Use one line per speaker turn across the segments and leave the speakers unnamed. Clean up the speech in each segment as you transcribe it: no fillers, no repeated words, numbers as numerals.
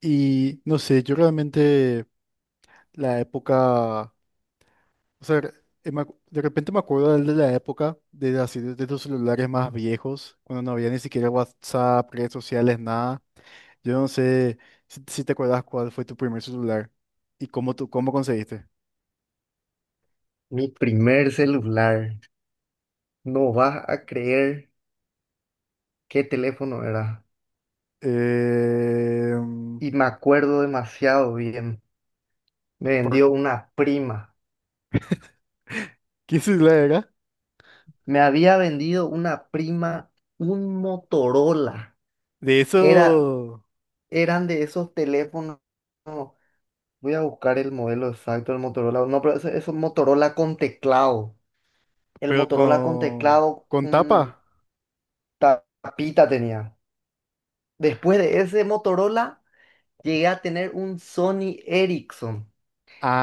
Y no sé, yo realmente la época, o sea, de repente me acuerdo de la época de, así, de los celulares más viejos, cuando no había ni siquiera WhatsApp, redes sociales, nada. Yo no sé si te acuerdas cuál fue tu primer celular y cómo, tú, cómo conseguiste.
Mi primer celular. No vas a creer qué teléfono era.
Eh,
Y me acuerdo demasiado bien. Me
¿Por
vendió una prima.
qué celular era?
Me había vendido una prima un Motorola.
De
Era,
eso...
eran de esos teléfonos. Voy a buscar el modelo exacto del Motorola. No, pero eso es un Motorola con teclado. El
Pero
Motorola con teclado,
con
un
tapa.
tapita tenía. Después de ese Motorola, llegué a tener un Sony Ericsson,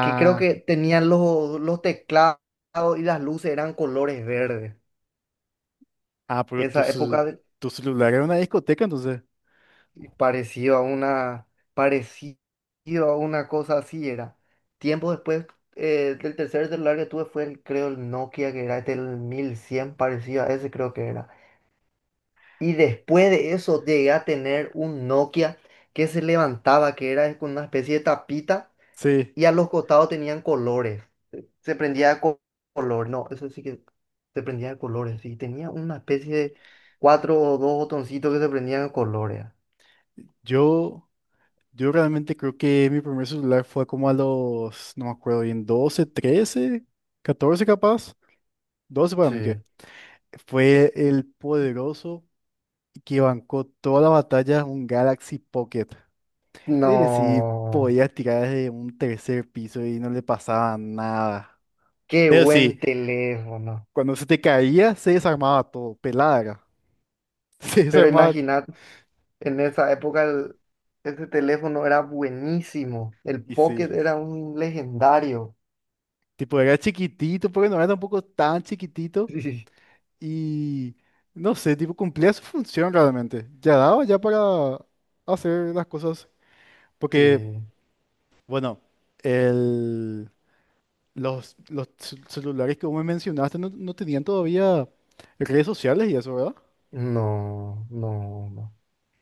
que creo que tenían los teclados y las luces eran colores verdes.
ah, pero tu,
Esa época de-
tu celular era una discoteca, entonces.
pareció a una, parecido a una cosa así era. Tiempo después del tercer celular que tuve fue el, creo el Nokia que era este, el 1100, parecido a ese creo que era. Y después de eso llegué a tener un Nokia que se levantaba, que era con una especie de tapita
Sí,
y a los costados tenían colores. Se prendía de co- color, no, eso sí que se prendía de colores. Y tenía una especie de cuatro o dos botoncitos que se prendían de colores.
yo, yo realmente creo que mi primer celular fue como a los, no me acuerdo bien, 12, 13, 14 capaz. 12 para mí que.
Sí.
Fue el poderoso que bancó toda la batalla, un Galaxy Pocket. Es decir,
No,
podías tirar desde un tercer piso y no le pasaba nada.
qué
Eso
buen
sí,
teléfono.
cuando se te caía, se desarmaba todo, pelada era. Se
Pero
desarmaba,
imaginad, en esa época el- ese teléfono era buenísimo. El
y sí.
Pocket era un legendario.
Tipo, era chiquitito, porque no era tampoco tan chiquitito. Y no sé, tipo, cumplía su función realmente. Ya daba ya para hacer las cosas.
Sí,
Porque,
sí.
bueno, el, los celulares que vos me mencionaste no tenían todavía redes sociales y eso, ¿verdad?
No, no, no.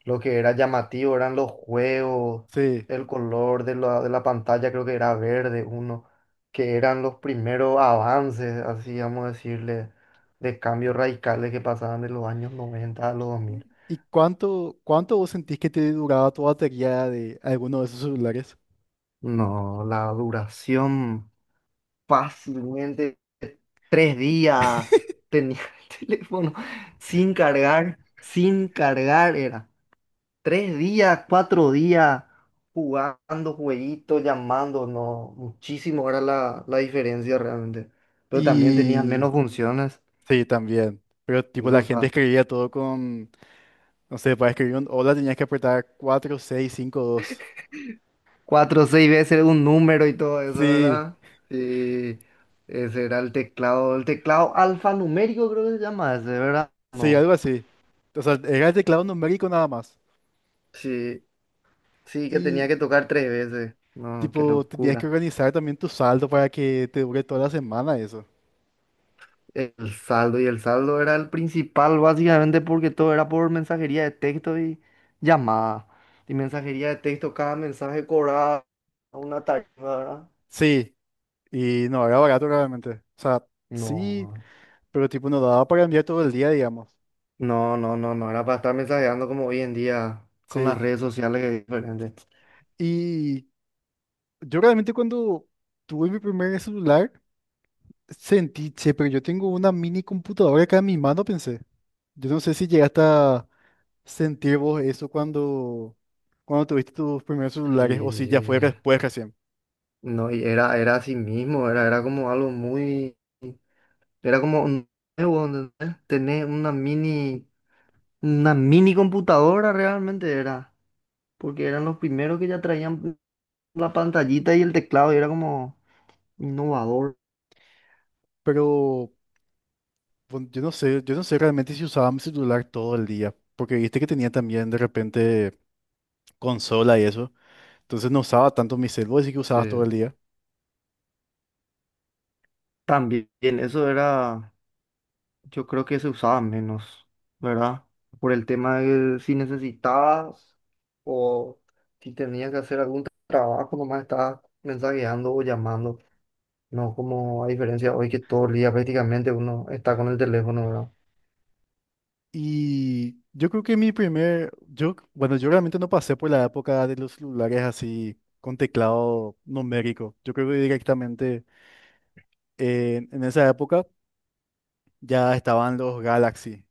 Lo que era llamativo eran los juegos,
Sí.
el color de la pantalla creo que era verde uno, que eran los primeros avances, así vamos a decirle, de cambios radicales que pasaban de los años noventa a los 2000.
¿Y cuánto, cuánto vos sentís que te duraba tu batería de alguno de esos celulares?
No, la duración fácilmente tres días tenía el teléfono sin cargar, sin cargar era. Tres días, cuatro días jugando jueguitos, llamando, no, muchísimo era la diferencia realmente. Pero también tenías
Y
menos funciones.
sí, también. Pero tipo
Eso,
la
o
gente
sea,
escribía todo con, no sé, para escribir un hola tenías que apretar 4 6 5 2.
cuatro o seis veces un número y todo eso,
Sí,
¿verdad? Y ese era el teclado alfanumérico creo que se llama ese, ¿verdad?
sí,
No.
algo así. O sea, era el teclado numérico nada más.
Sí, sí, que tenía
Y
que tocar tres veces. No, qué
tipo tenías que
locura.
organizar también tu saldo para que te dure toda la semana eso.
El saldo y el saldo era el principal básicamente porque todo era por mensajería de texto y llamada. Y mensajería de texto, cada mensaje cobraba una tarifa, ¿verdad?
Sí, y no era barato realmente. O sea, sí,
No,
pero tipo no daba para enviar todo el día, digamos.
no, no, no era para estar mensajeando como hoy en día con las
Sí.
redes sociales que es diferente.
Y yo realmente cuando tuve mi primer celular, sentí, che, pero yo tengo una mini computadora acá en mi mano, pensé. Yo no sé si llegaste a sentir vos eso cuando, cuando tuviste tus primeros celulares o si ya fue
Sí,
después recién.
no, y era, era así mismo, era, era como algo muy, era como un nuevo, ¿entendés? Tener una mini computadora realmente era, porque eran los primeros que ya traían la pantallita y el teclado y era como innovador.
Pero bueno, yo no sé realmente si usaba mi celular todo el día, porque viste que tenía también de repente consola y eso. Entonces no usaba tanto mi celular, así que
Sí,
usabas todo el día.
también eso era, yo creo que se usaba menos, ¿verdad? Por el tema de si necesitabas o si tenías que hacer algún trabajo, nomás estabas mensajeando o llamando. No como a diferencia hoy que todo el día prácticamente uno está con el teléfono, ¿verdad?
Y yo creo que mi primer, yo, bueno, yo realmente no pasé por la época de los celulares así con teclado numérico. Yo creo que directamente en esa época ya estaban los Galaxy,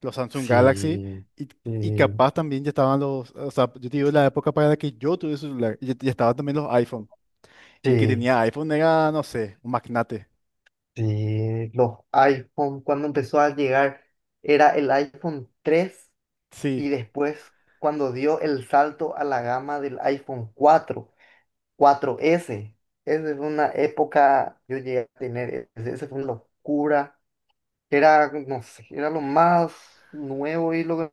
los Samsung Galaxy,
Sí,
y, y
sí,
capaz también ya estaban los, o sea, yo te digo la época para la que yo tuve celular, ya estaban también los iPhone. Y el que
sí,
tenía iPhone era, no sé, un magnate.
sí. Los iPhone, cuando empezó a llegar, era el iPhone tres y
Sí,
después cuando dio el salto a la gama del iPhone cuatro, cuatro s. Esa es una época, yo llegué a tener, e-, ese- esa fue una locura. Era, no sé, era lo más nuevo y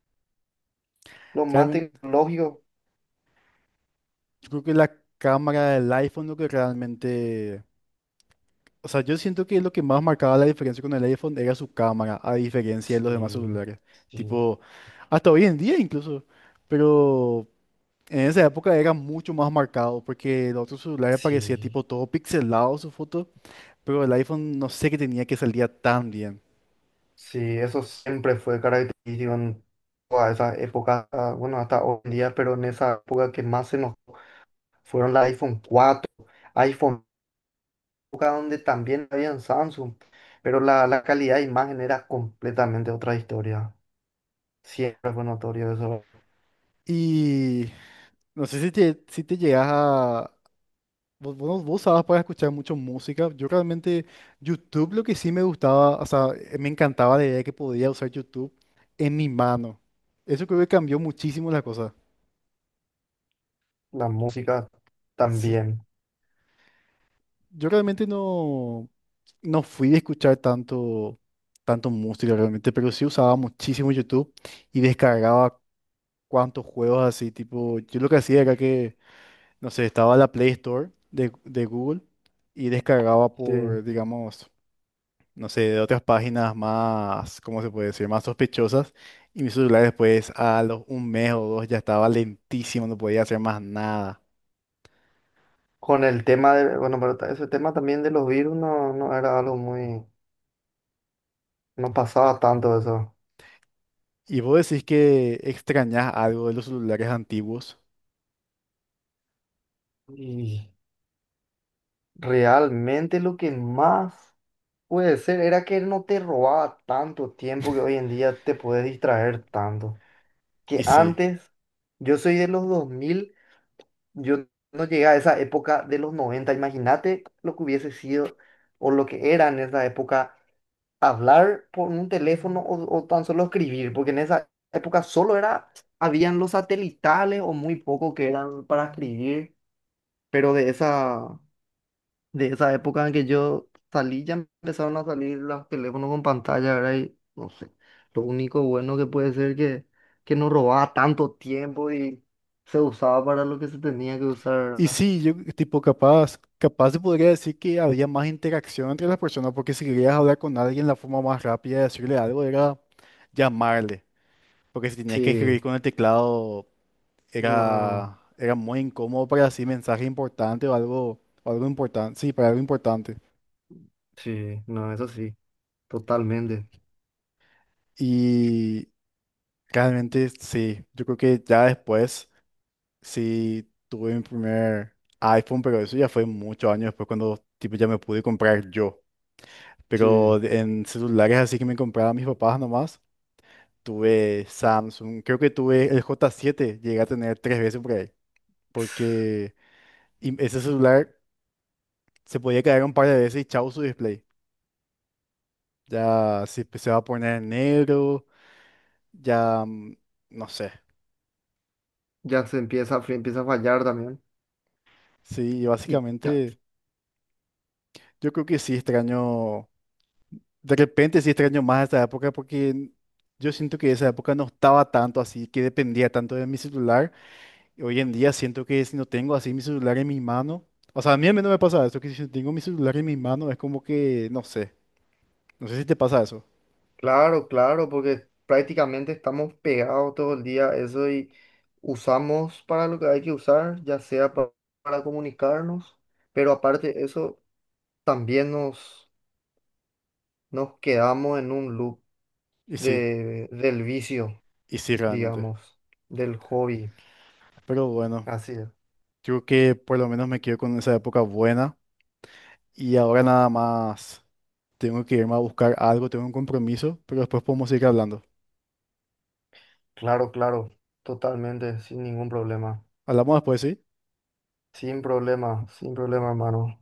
lo más
realmente,
tecnológico.
yo creo que la cámara del iPhone lo que realmente. O sea, yo siento que lo que más marcaba la diferencia con el iPhone era su cámara, a diferencia de los demás
Sí,
celulares.
sí,
Tipo, hasta hoy en día incluso. Pero en esa época era mucho más marcado porque el otro celular parecía
sí,
tipo todo pixelado su foto, pero el iPhone no sé qué tenía que salía tan bien.
sí, eso siempre fue característico en toda esa época, ah, bueno, hasta hoy en día, pero en esa época que más se nos fueron la iPhone cuatro, iPhone, época donde también había en Samsung, pero la calidad de imagen era completamente otra historia. Siempre fue notorio eso.
Y no sé si te llegas a, vos, vos, no, vos usabas para escuchar mucho música. Yo realmente, YouTube lo que sí me gustaba, o sea, me encantaba la idea de que podía usar YouTube en mi mano. Eso creo que cambió muchísimo la cosa.
La música
Sí,
también.
yo realmente no fui de escuchar tanto, tanto música realmente, pero sí usaba muchísimo YouTube y descargaba cuantos juegos así, tipo, yo lo que hacía era que, no sé, estaba la Play Store de Google y descargaba
Sí.
por, digamos, no sé, de otras páginas más, ¿cómo se puede decir? Más sospechosas. Y mi celular después, a los un mes o dos, ya estaba lentísimo, no podía hacer más nada.
Con el tema de, bueno, pero ta- ese tema también de los virus no, no era algo muy, no pasaba tanto eso.
Y vos decís que extrañás algo de los celulares antiguos.
Y realmente lo que más puede ser era que no te robaba tanto tiempo que hoy en día te puedes distraer tanto. Que
Y sí.
antes, yo soy de los dos mil. Yo no llegué a esa época de los noventa, imagínate lo que hubiese sido o lo que era en esa época hablar por un teléfono o tan solo escribir, porque en esa época solo era, habían los satelitales o muy poco que eran para escribir, pero de esa época en que yo salí ya empezaron a salir los teléfonos con pantalla, ¿verdad? Y no sé, lo único bueno que puede ser que no robaba tanto tiempo y se usaba para lo que se tenía que usar,
Y
¿verdad?
sí, yo tipo capaz se podría decir que había más interacción entre las personas, porque si querías hablar con alguien, la forma más rápida de decirle algo era llamarle. Porque si tenías que
Sí,
escribir con el teclado
no,
era, era muy incómodo para así mensaje importante o algo importante, sí, para algo importante.
sí, no, eso sí, totalmente,
Y realmente sí, yo creo que ya después sí tuve mi primer iPhone, pero eso ya fue muchos años después cuando tipo ya me pude comprar yo.
sí,
Pero de- en celulares así que me compraban mis papás nomás, tuve Samsung, creo que tuve el J7, llegué a tener tres veces por ahí, porque y ese celular se podía caer un par de veces y chau su display. Ya si se va a poner negro, ya no sé.
ya se empieza, a fri- empieza a fallar también.
Sí,
Y ta-
básicamente yo creo que sí extraño, de repente sí extraño más esta época porque yo siento que esa época no estaba tanto así, que dependía tanto de mi celular. Y hoy en día siento que si no tengo así mi celular en mi mano, o sea, a mí al menos me pasa eso, que si tengo mi celular en mi mano es como que, no sé, no sé si te pasa eso.
claro, claro, porque prácticamente estamos pegados todo el día a eso y usamos para lo que hay que usar, ya sea pa- para, comunicarnos, pero aparte de eso, también nos, nos quedamos en un loop
Y sí,
de, del vicio,
y sí realmente.
digamos, del hobby.
Pero bueno,
Así es,
yo creo que por lo menos me quedo con esa época buena. Y ahora nada más tengo que irme a buscar algo, tengo un compromiso, pero después podemos seguir hablando.
claro, claro, totalmente, sin ningún problema.
Hablamos después, ¿sí?
Sin problema, sin problema, hermano.